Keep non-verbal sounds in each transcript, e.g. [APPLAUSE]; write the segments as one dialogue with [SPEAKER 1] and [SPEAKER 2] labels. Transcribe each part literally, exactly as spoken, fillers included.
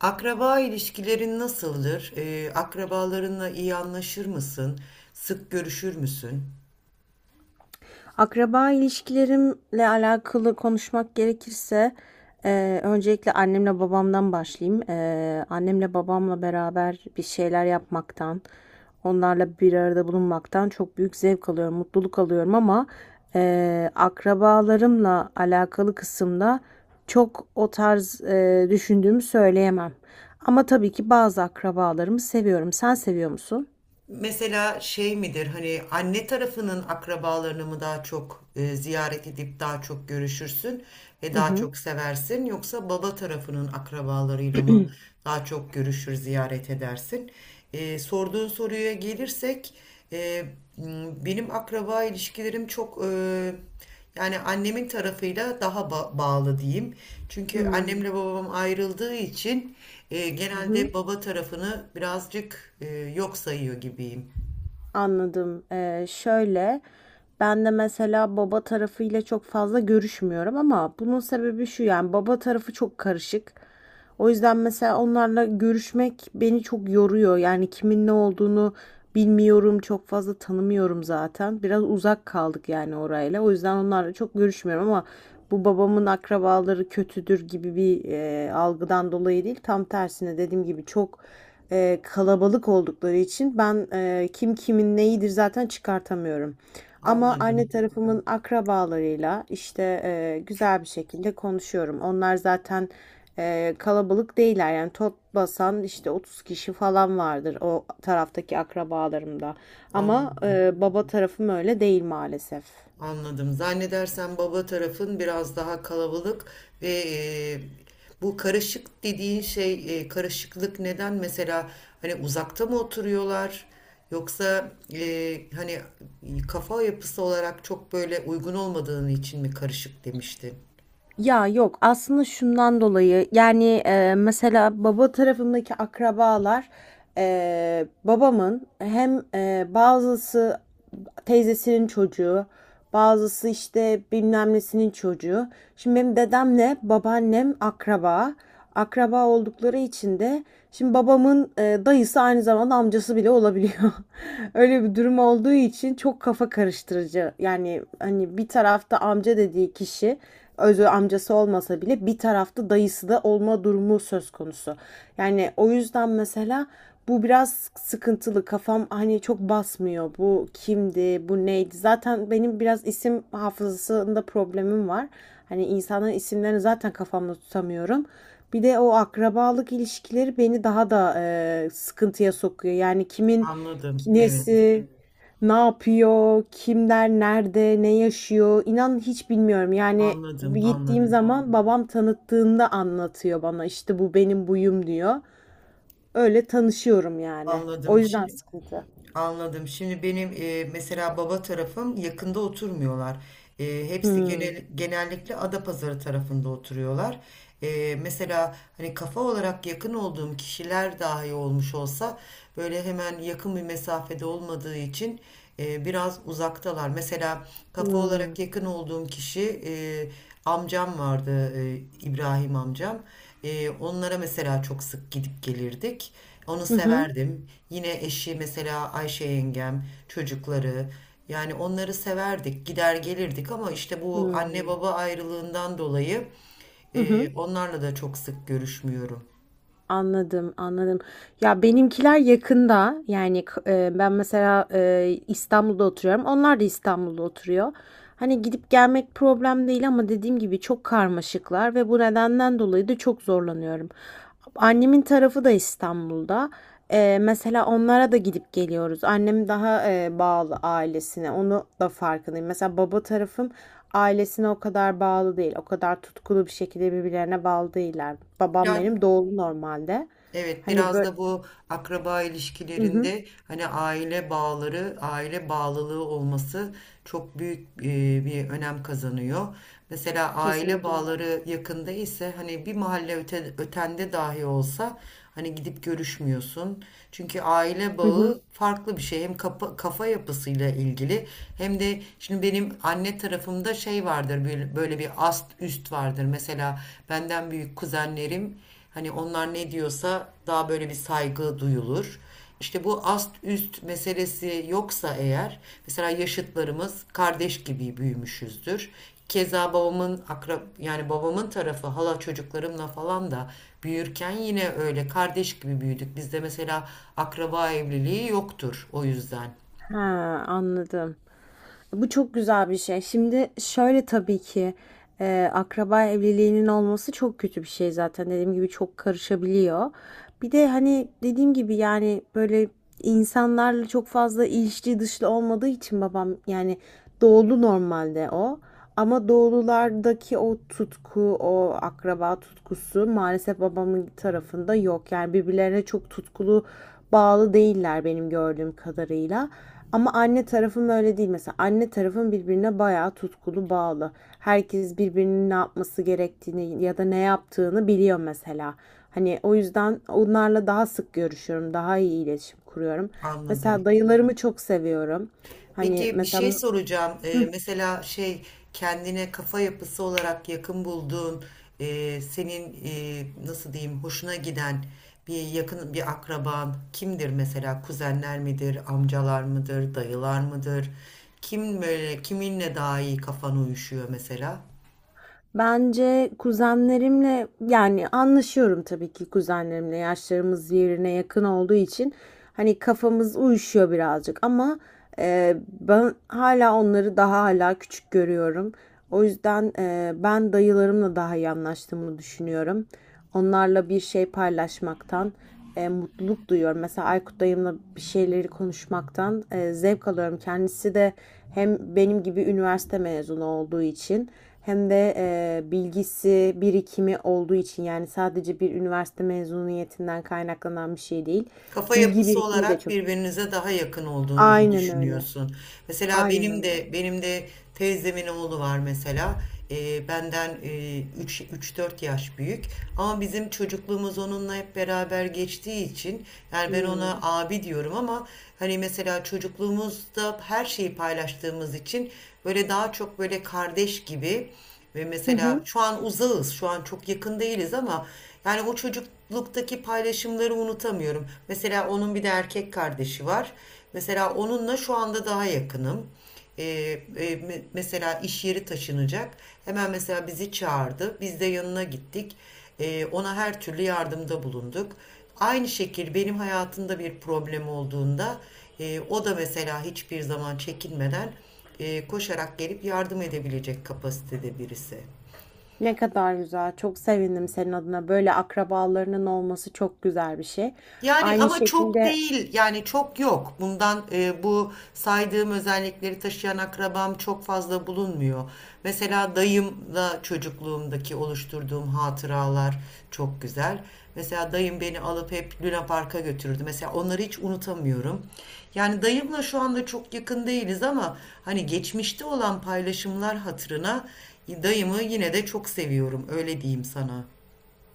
[SPEAKER 1] Akraba ilişkilerin nasıldır? Eee, akrabalarınla iyi anlaşır mısın? Sık görüşür müsün?
[SPEAKER 2] Akraba ilişkilerimle alakalı konuşmak gerekirse eee, öncelikle annemle babamdan başlayayım. Eee, annemle babamla beraber bir şeyler yapmaktan, onlarla bir arada bulunmaktan çok büyük zevk alıyorum, mutluluk alıyorum ama eee, akrabalarımla alakalı kısımda çok o tarz eee, düşündüğümü söyleyemem. Ama tabii ki bazı akrabalarımı seviyorum. Sen seviyor musun?
[SPEAKER 1] Mesela şey midir, hani anne tarafının akrabalarını mı daha çok eee, ziyaret edip daha çok görüşürsün ve
[SPEAKER 2] Hı
[SPEAKER 1] daha
[SPEAKER 2] hı.
[SPEAKER 1] çok seversin? Yoksa baba tarafının akrabalarıyla mı daha çok görüşür, ziyaret edersin? Eee, sorduğun soruya gelirsek, eee, m, benim akraba ilişkilerim çok... eee Yani annemin tarafıyla daha ba- bağlı diyeyim. Çünkü
[SPEAKER 2] Hmm.
[SPEAKER 1] annemle babam ayrıldığı için e,
[SPEAKER 2] Hı hı.
[SPEAKER 1] genelde baba tarafını birazcık e, yok sayıyor gibiyim.
[SPEAKER 2] Anladım. Ee, şöyle, ben de mesela baba tarafıyla çok fazla görüşmüyorum ama bunun sebebi şu, yani baba tarafı çok karışık. O yüzden mesela onlarla görüşmek beni çok yoruyor. Yani kimin ne olduğunu bilmiyorum, çok fazla tanımıyorum zaten. Biraz uzak kaldık yani orayla. O yüzden onlarla çok görüşmüyorum ama bu babamın akrabaları kötüdür gibi bir e, algıdan dolayı değil. Tam tersine dediğim gibi çok e, kalabalık oldukları için ben e, kim kimin neyidir zaten çıkartamıyorum. Ama
[SPEAKER 1] Anladım.
[SPEAKER 2] anne tarafımın akrabalarıyla işte e, güzel bir şekilde konuşuyorum. Onlar zaten e, kalabalık değiller, yani top basan işte otuz kişi falan vardır o taraftaki akrabalarımda. Ama
[SPEAKER 1] Anladım.
[SPEAKER 2] e, baba tarafım öyle değil maalesef.
[SPEAKER 1] Anladım. Zannedersem baba tarafın biraz daha kalabalık ve e, bu karışık dediğin şey e, karışıklık neden mesela hani uzakta mı oturuyorlar yoksa e, hani kafa yapısı olarak çok böyle uygun olmadığını için mi karışık demiştin?
[SPEAKER 2] Ya yok, aslında şundan dolayı yani e, mesela baba tarafındaki akrabalar e, babamın hem e, bazısı teyzesinin çocuğu, bazısı işte bilmem nesinin çocuğu. Şimdi benim dedemle babaannem akraba. Akraba oldukları için de şimdi babamın e, dayısı aynı zamanda amcası bile olabiliyor. [LAUGHS] Öyle bir durum olduğu için çok kafa karıştırıcı. Yani hani bir tarafta amca dediği kişi özü amcası olmasa bile bir tarafta dayısı da olma durumu söz konusu. Yani o yüzden mesela bu biraz sıkıntılı. Kafam hani çok basmıyor. Bu kimdi, bu neydi? Zaten benim biraz isim hafızasında problemim var. Hani insanların isimlerini zaten kafamda tutamıyorum. Bir de o akrabalık ilişkileri beni daha da e, sıkıntıya sokuyor. Yani kimin
[SPEAKER 1] Anladım. Evet.
[SPEAKER 2] nesi ne yapıyor, kimler nerede, ne yaşıyor? İnan hiç bilmiyorum. Yani
[SPEAKER 1] Anladım,
[SPEAKER 2] gittiğim
[SPEAKER 1] anladım.
[SPEAKER 2] zaman babam tanıttığında anlatıyor bana. İşte bu benim buyum diyor. Öyle tanışıyorum yani. O
[SPEAKER 1] Anladım.
[SPEAKER 2] yüzden
[SPEAKER 1] Şimdi
[SPEAKER 2] sıkıntı.
[SPEAKER 1] Anladım. Şimdi benim e, mesela baba tarafım yakında oturmuyorlar. E, hepsi
[SPEAKER 2] Hmm.
[SPEAKER 1] genel, genellikle Adapazarı tarafında oturuyorlar. E, mesela hani kafa olarak yakın olduğum kişiler dahi olmuş olsa böyle hemen yakın bir mesafede olmadığı için e, biraz uzaktalar. Mesela kafa
[SPEAKER 2] Hmm.
[SPEAKER 1] olarak yakın olduğum kişi e, amcam vardı, e, İbrahim amcam. Ee, onlara mesela çok sık gidip gelirdik. Onu
[SPEAKER 2] Hı hı.
[SPEAKER 1] severdim. Yine eşi mesela Ayşe yengem, çocukları. Yani onları severdik, gider gelirdik ama işte bu anne
[SPEAKER 2] Hmm.
[SPEAKER 1] baba ayrılığından dolayı
[SPEAKER 2] Hı
[SPEAKER 1] e,
[SPEAKER 2] hı.
[SPEAKER 1] onlarla da çok sık görüşmüyorum.
[SPEAKER 2] Anladım, anladım. Ya benimkiler yakında. Yani k- e, ben mesela e, İstanbul'da oturuyorum. Onlar da İstanbul'da oturuyor. Hani gidip gelmek problem değil ama dediğim gibi çok karmaşıklar ve bu nedenden dolayı da çok zorlanıyorum. Annemin tarafı da İstanbul'da. E, mesela onlara da gidip geliyoruz. Annem daha e, bağlı ailesine. Onu da farkındayım. Mesela baba tarafım ailesine o kadar bağlı değil. O kadar tutkulu bir şekilde birbirlerine bağlı değiller. Babam
[SPEAKER 1] Ya,
[SPEAKER 2] benim doğulu normalde.
[SPEAKER 1] evet,
[SPEAKER 2] Hani
[SPEAKER 1] biraz
[SPEAKER 2] böyle.
[SPEAKER 1] da bu akraba
[SPEAKER 2] Hı hı,
[SPEAKER 1] ilişkilerinde hani aile bağları, aile bağlılığı olması çok büyük e, bir önem kazanıyor. Mesela aile
[SPEAKER 2] kesinlikle.
[SPEAKER 1] bağları yakında ise hani bir mahalle öte- ötende dahi olsa hani gidip görüşmüyorsun. Çünkü aile
[SPEAKER 2] Hı hı.
[SPEAKER 1] bağı farklı bir şey. Hem kafa, kafa yapısıyla ilgili hem de şimdi benim anne tarafımda şey vardır böyle, böyle bir ast üst vardır. Mesela benden büyük kuzenlerim, hani onlar ne diyorsa daha böyle bir saygı duyulur. İşte bu ast üst meselesi yoksa eğer mesela yaşıtlarımız kardeş gibi büyümüşüzdür. Keza babamın akrab, yani babamın tarafı hala çocuklarımla falan da büyürken yine öyle kardeş gibi büyüdük. Bizde mesela akraba evliliği yoktur o yüzden.
[SPEAKER 2] Ha, anladım. Bu çok güzel bir şey. Şimdi şöyle, tabii ki e, akraba evliliğinin olması çok kötü bir şey zaten. Dediğim gibi çok karışabiliyor. Bir de hani dediğim gibi yani böyle insanlarla çok fazla ilişki dışlı olmadığı için babam yani doğulu normalde o. Ama doğululardaki o tutku, o akraba tutkusu maalesef babamın tarafında yok. Yani birbirlerine çok tutkulu bağlı değiller benim gördüğüm kadarıyla. Ama anne tarafım öyle değil mesela. Anne tarafım birbirine bayağı tutkulu bağlı. Herkes birbirinin ne yapması gerektiğini ya da ne yaptığını biliyor mesela. Hani o yüzden onlarla daha sık görüşüyorum, daha iyi iletişim kuruyorum. Mesela
[SPEAKER 1] Anladım.
[SPEAKER 2] dayılarımı çok seviyorum. Hani
[SPEAKER 1] Peki bir şey
[SPEAKER 2] mesela
[SPEAKER 1] soracağım. Ee, mesela şey, kendine kafa yapısı olarak yakın bulduğun, e, senin e, nasıl diyeyim hoşuna giden bir yakın bir akraban kimdir mesela? Kuzenler midir, amcalar mıdır, dayılar mıdır? Kim böyle kiminle daha iyi kafan uyuşuyor mesela?
[SPEAKER 2] bence kuzenlerimle yani anlaşıyorum, tabii ki kuzenlerimle yaşlarımız birbirine yakın olduğu için hani kafamız uyuşuyor birazcık ama e, ben hala onları daha hala küçük görüyorum. O yüzden e, ben dayılarımla daha iyi anlaştığımı düşünüyorum. Onlarla bir şey paylaşmaktan e, mutluluk duyuyorum. Mesela Aykut dayımla bir şeyleri konuşmaktan e, zevk alıyorum. Kendisi de hem benim gibi üniversite mezunu olduğu için hem de e, bilgisi, birikimi olduğu için, yani sadece bir üniversite mezuniyetinden kaynaklanan bir şey değil.
[SPEAKER 1] Kafa
[SPEAKER 2] Bilgi
[SPEAKER 1] yapısı
[SPEAKER 2] birikimi de
[SPEAKER 1] olarak
[SPEAKER 2] çok.
[SPEAKER 1] birbirinize daha yakın olduğunuzu
[SPEAKER 2] Aynen öyle.
[SPEAKER 1] düşünüyorsun. Mesela
[SPEAKER 2] Aynen
[SPEAKER 1] benim
[SPEAKER 2] öyle.
[SPEAKER 1] de benim de teyzemin oğlu var mesela. Ee, benden e, üç dört yaş büyük. Ama bizim çocukluğumuz onunla hep beraber geçtiği için yani ben ona
[SPEAKER 2] Hmm.
[SPEAKER 1] abi diyorum ama hani mesela çocukluğumuzda her şeyi paylaştığımız için böyle daha çok böyle kardeş gibi ve
[SPEAKER 2] Hı
[SPEAKER 1] mesela
[SPEAKER 2] hı.
[SPEAKER 1] şu an uzağız, şu an çok yakın değiliz ama yani o çocukluktaki paylaşımları unutamıyorum. Mesela onun bir de erkek kardeşi var. Mesela onunla şu anda daha yakınım. Ee, e, mesela iş yeri taşınacak. Hemen mesela bizi çağırdı. Biz de yanına gittik. Ee, ona her türlü yardımda bulunduk. Aynı şekil benim hayatımda bir problem olduğunda e, o da mesela hiçbir zaman çekinmeden e, koşarak gelip yardım edebilecek kapasitede birisi.
[SPEAKER 2] Ne kadar güzel. Çok sevindim senin adına. Böyle akrabalarının olması çok güzel bir şey.
[SPEAKER 1] Yani
[SPEAKER 2] Aynı
[SPEAKER 1] ama çok
[SPEAKER 2] şekilde.
[SPEAKER 1] değil, yani çok yok. Bundan, e, bu saydığım özellikleri taşıyan akrabam çok fazla bulunmuyor. Mesela dayımla çocukluğumdaki oluşturduğum hatıralar çok güzel. Mesela dayım beni alıp hep Luna Park'a götürürdü. Mesela onları hiç unutamıyorum. Yani dayımla şu anda çok yakın değiliz ama hani geçmişte olan paylaşımlar hatırına dayımı yine de çok seviyorum, öyle diyeyim sana.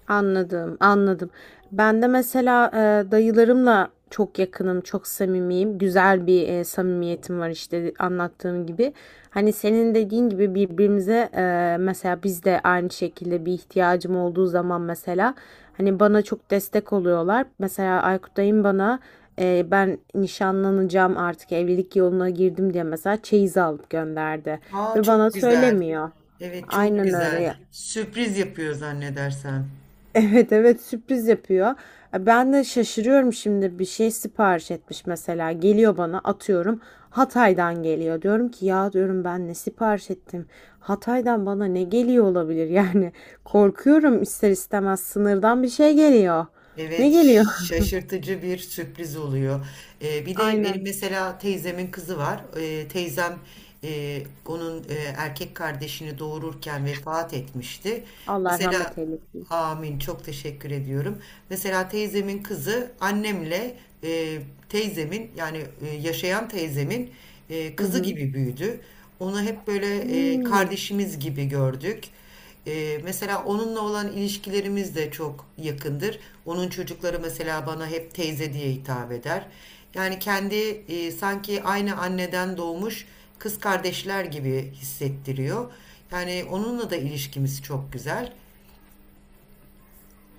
[SPEAKER 2] Anladım, anladım. Ben de mesela e, dayılarımla çok yakınım, çok samimiyim. Güzel bir e, samimiyetim var işte, anlattığım gibi. Hani senin dediğin gibi birbirimize e, mesela biz de aynı şekilde bir ihtiyacım olduğu zaman mesela hani bana çok destek oluyorlar. Mesela Aykut dayım bana e, ben nişanlanacağım, artık evlilik yoluna girdim diye mesela çeyiz alıp gönderdi
[SPEAKER 1] Aa,
[SPEAKER 2] ve bana
[SPEAKER 1] çok güzel.
[SPEAKER 2] söylemiyor.
[SPEAKER 1] Evet, çok
[SPEAKER 2] Aynen
[SPEAKER 1] güzel.
[SPEAKER 2] öyle.
[SPEAKER 1] Sürpriz yapıyor zannedersem.
[SPEAKER 2] Evet, evet, sürpriz yapıyor. E, Ben de şaşırıyorum, şimdi bir şey sipariş etmiş mesela, geliyor bana, atıyorum Hatay'dan geliyor. Diyorum ki ya, diyorum ben ne sipariş ettim? Hatay'dan bana ne geliyor olabilir yani? [LAUGHS] Korkuyorum ister istemez, sınırdan bir şey geliyor. Ne
[SPEAKER 1] Evet,
[SPEAKER 2] geliyor?
[SPEAKER 1] şaşırtıcı bir sürpriz oluyor. Ee,
[SPEAKER 2] [LAUGHS]
[SPEAKER 1] bir de benim
[SPEAKER 2] Aynen.
[SPEAKER 1] mesela teyzemin kızı var. Ee, teyzem e, onun e, erkek kardeşini doğururken vefat etmişti.
[SPEAKER 2] Allah
[SPEAKER 1] Mesela
[SPEAKER 2] rahmet eylesin.
[SPEAKER 1] amin, çok teşekkür ediyorum. Mesela teyzemin kızı annemle, e, teyzemin, yani e, yaşayan teyzemin e,
[SPEAKER 2] Hı
[SPEAKER 1] kızı
[SPEAKER 2] hı.
[SPEAKER 1] gibi büyüdü. Onu hep böyle e,
[SPEAKER 2] Hmm.
[SPEAKER 1] kardeşimiz gibi gördük. Ee, mesela onunla olan ilişkilerimiz de çok yakındır. Onun çocukları mesela bana hep teyze diye hitap eder. Yani kendi, e, sanki aynı anneden doğmuş kız kardeşler gibi hissettiriyor. Yani onunla da ilişkimiz çok güzel.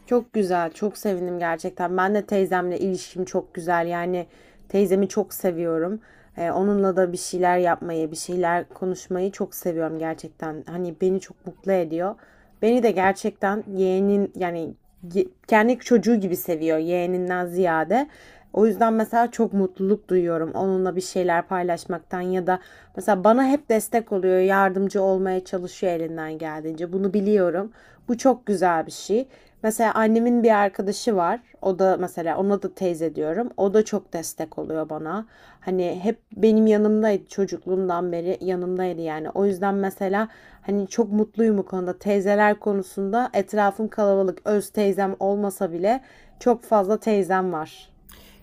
[SPEAKER 2] Çok güzel, çok sevindim gerçekten. Ben de teyzemle ilişkim çok güzel. Yani teyzemi çok seviyorum. Ee, onunla da bir şeyler yapmayı, bir şeyler konuşmayı çok seviyorum gerçekten. Hani beni çok mutlu ediyor. Beni de gerçekten yeğenin, yani ye- kendi çocuğu gibi seviyor, yeğeninden ziyade. O yüzden mesela çok mutluluk duyuyorum onunla bir şeyler paylaşmaktan ya da mesela bana hep destek oluyor, yardımcı olmaya çalışıyor elinden geldiğince. Bunu biliyorum. Bu çok güzel bir şey. Mesela annemin bir arkadaşı var. O da mesela, ona da teyze diyorum. O da çok destek oluyor bana. Hani hep benim yanımdaydı, çocukluğumdan beri yanımdaydı yani. O yüzden mesela hani çok mutluyum bu konuda. Teyzeler konusunda etrafım kalabalık. Öz teyzem olmasa bile çok fazla teyzem var.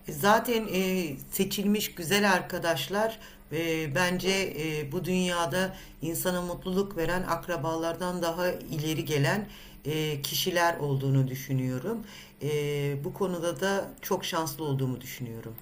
[SPEAKER 1] E, Zaten e, seçilmiş güzel arkadaşlar, e, bence e, bu dünyada insana mutluluk veren akrabalardan daha ileri gelen e, kişiler olduğunu düşünüyorum. E, Bu konuda da çok şanslı olduğumu düşünüyorum.